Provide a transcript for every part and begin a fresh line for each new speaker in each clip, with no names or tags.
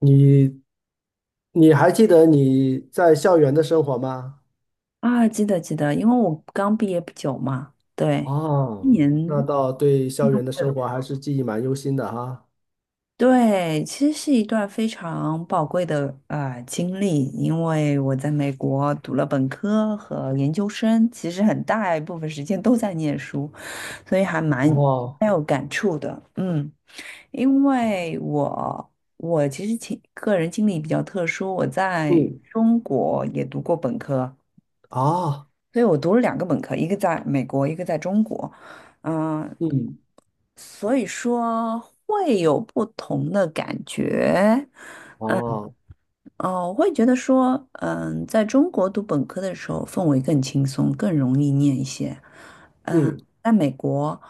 你你还记得你在校园的生活吗？
啊，记得记得，因为我刚毕业不久嘛，对，今
哦，
年
那倒对，校园的生活
对，
还是记忆蛮忧心的哈。
对，其实是一段非常宝贵的经历，因为我在美国读了本科和研究生，其实很大一部分时间都在念书，所以还蛮
哦，
蛮有感触的，嗯，因为我其实情个人经历比较特殊，我在
嗯，
中国也读过本科。
啊，
所以我读了两个本科，一个在美国，一个在中国，嗯、
嗯，
所以说会有不同的感觉，
哦，
哦，我会觉得说，嗯，在中国读本科的时候，氛围更轻松，更容易念一些。嗯，
嗯，
在美国，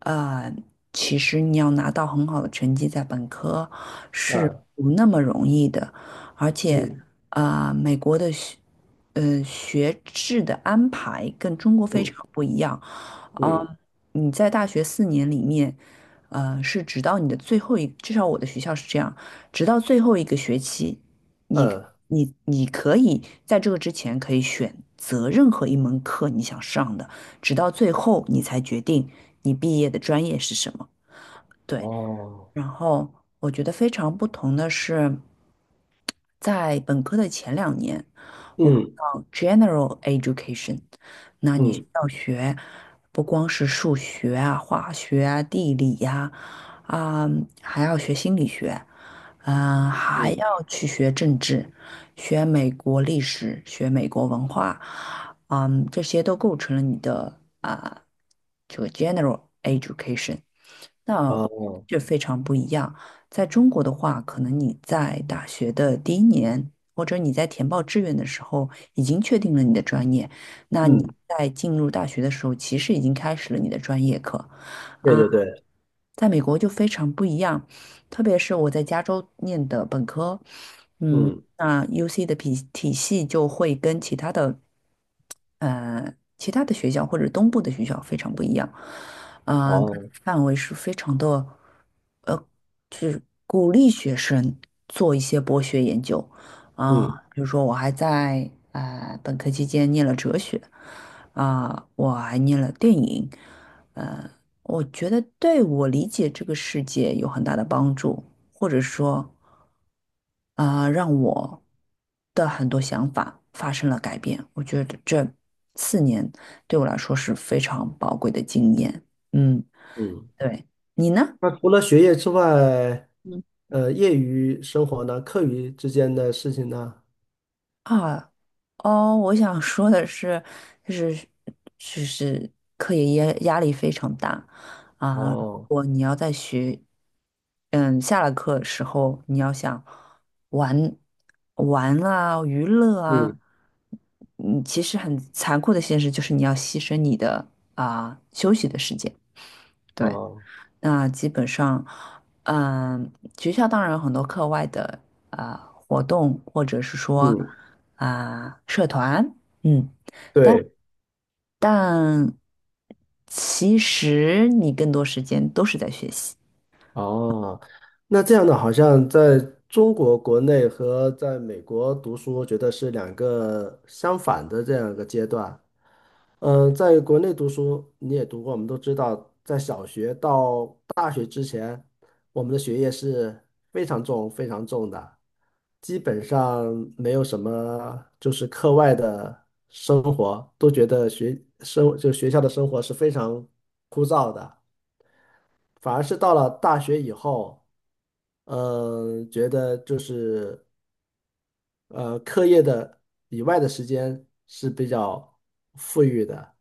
呃，其实你要拿到很好的成绩在本科是
嗯
不那么容易的，而且，
嗯
美国的学，学制的安排跟中国非
嗯，
常不一样。
嗯，
嗯，你在大学四年里面，是直到你的最后一，至少我的学校是这样，直到最后一个学期。你
呃，
你可以在这个之前可以选择任何一门课你想上的，直到最后你才决定你毕业的专业是什么。对。
哦，
然后我觉得非常不同的是，在本科的前两年，我们
嗯，
叫 general education，那你需
嗯，
要学不光是数学啊、化学啊、地理呀、啊，还要学心理学，嗯、还要
嗯
去学政治，学美国历史，学美国文化，嗯，这些都构成了你的啊、这个 general education。那
哦
就非常不一样。在中国的话，可能你在大学的第一年，或者你在填报志愿的时候，已经确定了你的专业。
嗯嗯嗯嗯嗯哦嗯嗯
那你
嗯哦嗯，
在进入大学的时候，其实已经开始了你的专业课。
对
啊，
对对，
在美国就非常不一样，特别是我在加州念的本科，嗯，
嗯，
那 UC 的体系就会跟其他的，其他的学校或者东部的学校非常不一样。嗯。
哦，
范围是非常的，呃，去鼓励学生做一些博学研究啊。
嗯，
比如说，我还在本科期间念了哲学，啊、我还念了电影，呃，我觉得对我理解这个世界有很大的帮助，或者说啊、让我的很多想法发生了改变。我觉得这四年对我来说是非常宝贵的经验。嗯，
嗯。
对。你呢？
那除了学业之外，
嗯，
业余生活呢，课余之间的事情呢？
啊，哦，我想说的是，就是就是课业压力非常大啊。如
哦。
果你要在学，嗯，下了课的时候，你要想玩玩啊、娱乐啊，
嗯。
嗯，其实很残酷的现实就是你要牺牲你的啊休息的时间。对。
哦，
那基本上，嗯、学校当然有很多课外的啊、活动，或者是说
嗯，
啊、社团，嗯，但
对，
但其实你更多时间都是在学习。
哦，那这样的好像在中国国内和在美国读书，我觉得是两个相反的这样一个阶段。嗯，在国内读书，你也读过，我们都知道，在小学到大学之前，我们的学业是非常重、非常重的，基本上没有什么就是课外的生活，都觉得学生就学校的生活是非常枯燥的。反而是到了大学以后，觉得就是课业的以外的时间是比较富裕的。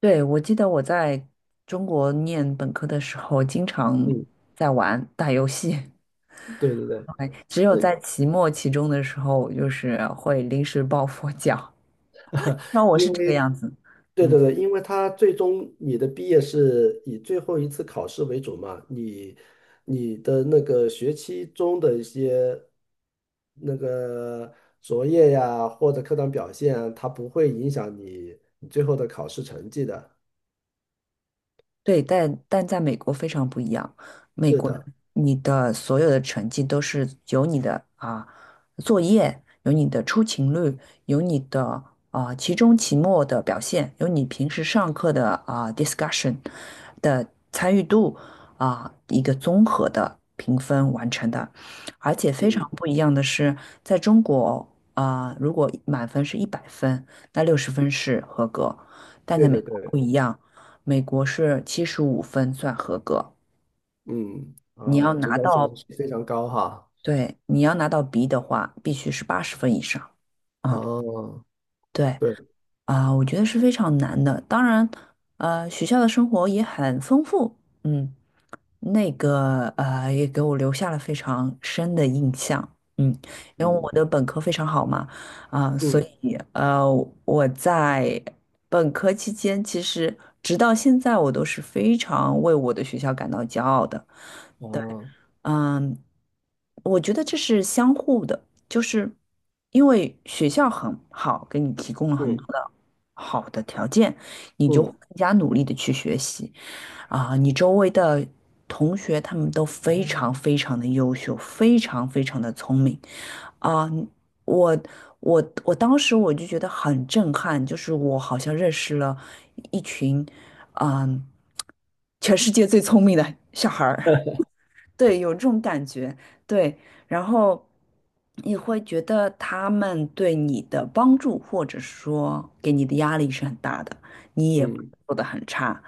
对，我记得我在中国念本科的时候，经常
嗯，
在玩打游戏，
对对对，
对只有在
是
期末、期中的时候，就是会临时抱佛脚。那我是
因
这个
为
样子，
对
嗯。
对对，因为他最终你的毕业是以最后一次考试为主嘛，你的那个学期中的一些那个作业呀，或者课堂表现啊，它不会影响你最后的考试成绩的。
对，但在美国非常不一样。美
是
国，
的。
你的所有的成绩都是由你的啊作业，有你的出勤率，有你的啊期中、期末的表现，有你平时上课的啊 discussion 的参与度啊一个综合的评分完成的。而且非常
嗯，
不一样的是，在中国啊，如果满分是一百分，那六十分是合格，但在
对
美
对
国不
对，
一样。美国是七十五分算合格，
嗯，
你要
啊，这
拿
要求
到，
是非常高哈，
对，你要拿到 B 的话，必须是八十分以上。啊，
哦，
对
对，
啊，我觉得是非常难的。当然，学校的生活也很丰富，嗯，那个也给我留下了非常深的印象。嗯，因为
嗯
我的本科非常好嘛，啊，所
嗯，
以我在本科期间，其实直到现在，我都是非常为我的学校感到骄傲的。
啊，
嗯，我觉得这是相互的，就是因为学校很好，给你提供了很多
嗯
的好的条件，你就会
嗯
更加努力的去学习啊，你周围的同学他们都非常非常的优秀，非常非常的聪明啊，我我当时我就觉得很震撼，就是我好像认识了一群，嗯，全世界最聪明的小孩儿。对，有这种感觉，对，然后你会觉得他们对你的帮助，或者说给你的压力是很大的，你也不能
嗯
做得很差，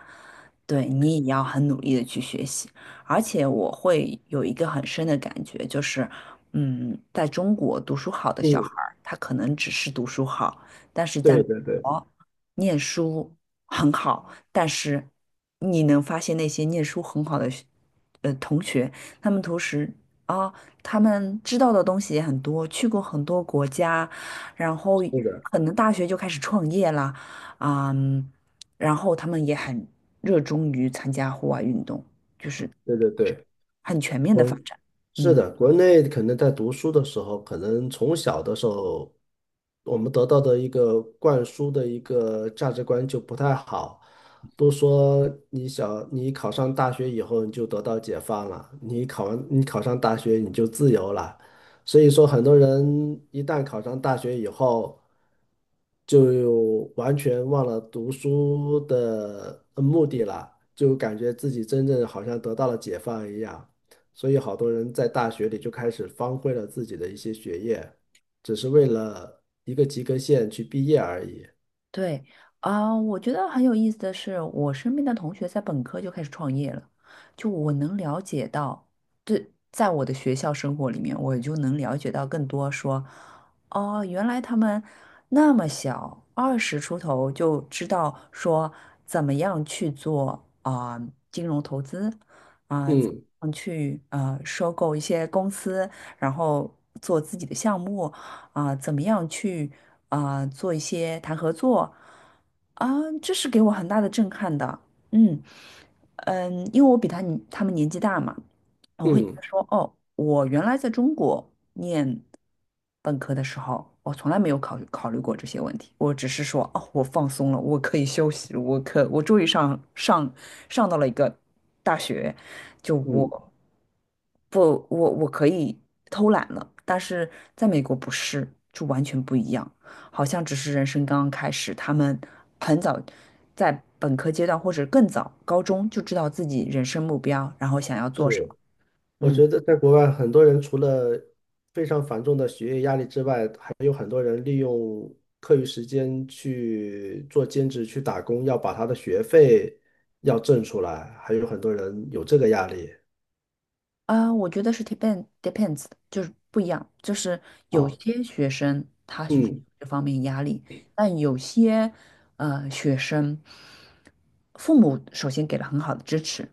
对，你也要很努力的去学习。而且我会有一个很深的感觉，就是，嗯，在中国读书好的小
嗯，
孩儿，他可能只是读书好，但是在
对
美
对对，
国念书很好，但是你能发现那些念书很好的同学。他们同时啊，他们知道的东西也很多，去过很多国家，然后
是的，
可能大学就开始创业啦，嗯，然后他们也很热衷于参加户外运动，就是
对对对，
很全面的
国
发展。
是
嗯，
的，国内可能在读书的时候，可能从小的时候，我们得到的一个灌输的一个价值观就不太好，都说你考上大学以后你就得到解放了，你考上大学你就自由了，所以说很多人一旦考上大学以后，就完全忘了读书的目的了，就感觉自己真正好像得到了解放一样。所以好多人在大学里就开始荒废了自己的一些学业，只是为了一个及格线去毕业而已。
对啊，我觉得很有意思的是，我身边的同学在本科就开始创业了，就我能了解到，对，在我的学校生活里面，我就能了解到更多说，哦，原来他们那么小，二十出头就知道说怎么样去做啊、金融投资啊、怎么
嗯
样去收购一些公司，然后做自己的项目。啊、怎么样去啊、做一些谈合作啊、这是给我很大的震撼的。嗯嗯，因为我比他们年纪大嘛，我会觉
嗯
得说，哦，我原来在中国念本科的时候，我从来没有考虑过这些问题，我只是说，哦，我放松了，我可以休息了我终于上到了一个大学，就
嗯，
我不我我可以偷懒了，但是在美国不是，就完全不一样，好像只是人生刚刚开始，他们很早在本科阶段或者更早高中就知道自己人生目标，然后想要做什么，
是，我
嗯。
觉得在国外，很多人除了非常繁重的学业压力之外，还有很多人利用课余时间去做兼职、去打工，要把他的学费要挣出来，还有很多人有这个压力。
啊，我觉得是 depends，就是不一样，就是有
啊，
些学生他需要
嗯
这方面压力，但有些学生，父母首先给了很好的支持，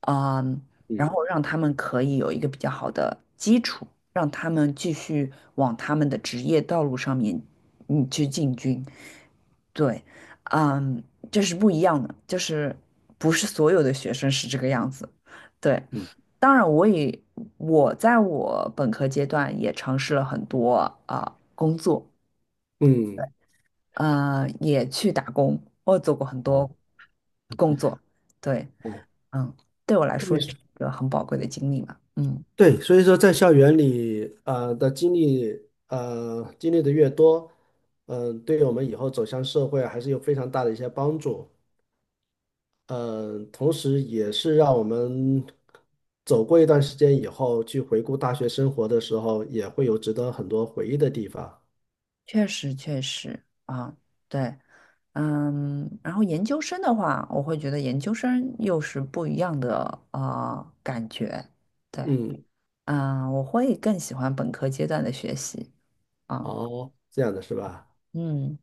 嗯，然
嗯
后让他们可以有一个比较好的基础，让他们继续往他们的职业道路上面嗯去进军。对，嗯，这是不一样的，就是不是所有的学生是这个样子。对，
嗯
当然我在我本科阶段也尝试了很多啊、工作，
嗯，
也去打工，我做过很多
哦
工作。对，
哦，
嗯，对我来
特
说
别
也
是。
是一个很宝贵的经历嘛。嗯。
对，所以说在校园里，的经历，经历的越多，嗯，对于我们以后走向社会还是有非常大的一些帮助。嗯，同时也是让我们走过一段时间以后，去回顾大学生活的时候，也会有值得很多回忆的地方。
确实确实啊，对，嗯，然后研究生的话，我会觉得研究生又是不一样的啊、感觉，对，
嗯，
嗯，我会更喜欢本科阶段的学习啊。
哦，这样的是吧？
嗯，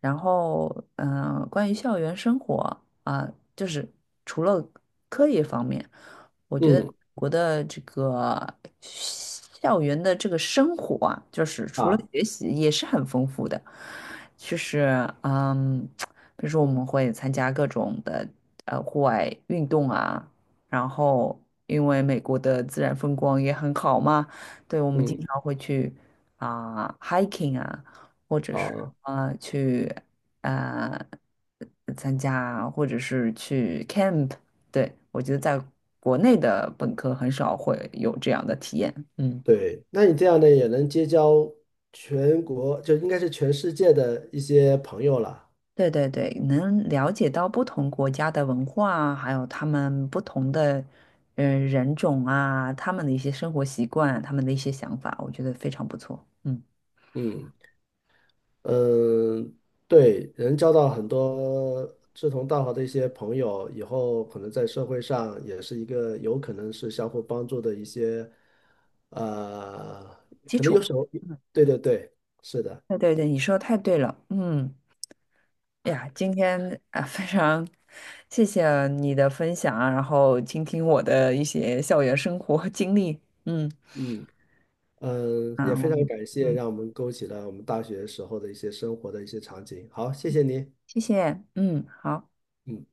然后嗯、关于校园生活啊、就是除了课业方面，我觉得
嗯
我的这个校园的这个生活啊，就是除了
啊，
学习也是很丰富的，就是嗯，比如说我们会参加各种的户外运动啊，然后因为美国的自然风光也很好嘛，对，我们经
嗯，
常会去啊、hiking 啊。或者是
哦，
去呃参加，或者是去 camp。对，我觉得在国内的本科很少会有这样的体验。嗯，
对，那你这样呢，也能结交全国，就应该是全世界的一些朋友了。
对对对，能了解到不同国家的文化啊还有他们不同的人种啊，他们的一些生活习惯，他们的一些想法，我觉得非常不错。嗯，
嗯。嗯，对，能交到很多志同道合的一些朋友，以后可能在社会上也是一个有可能是相互帮助的一些，呃，
基
可能有
础。
时候，
嗯，
对对对，是的，
对对对，你说的太对了。嗯。哎呀，今天啊，非常谢谢你的分享啊，然后倾听我的一些校园生活经历，嗯，
嗯嗯，也
啊，我
非常
们
感谢
嗯，
让我们勾起了我们大学时候的一些生活的一些场景。好，谢谢你，
谢谢，嗯，好。
嗯。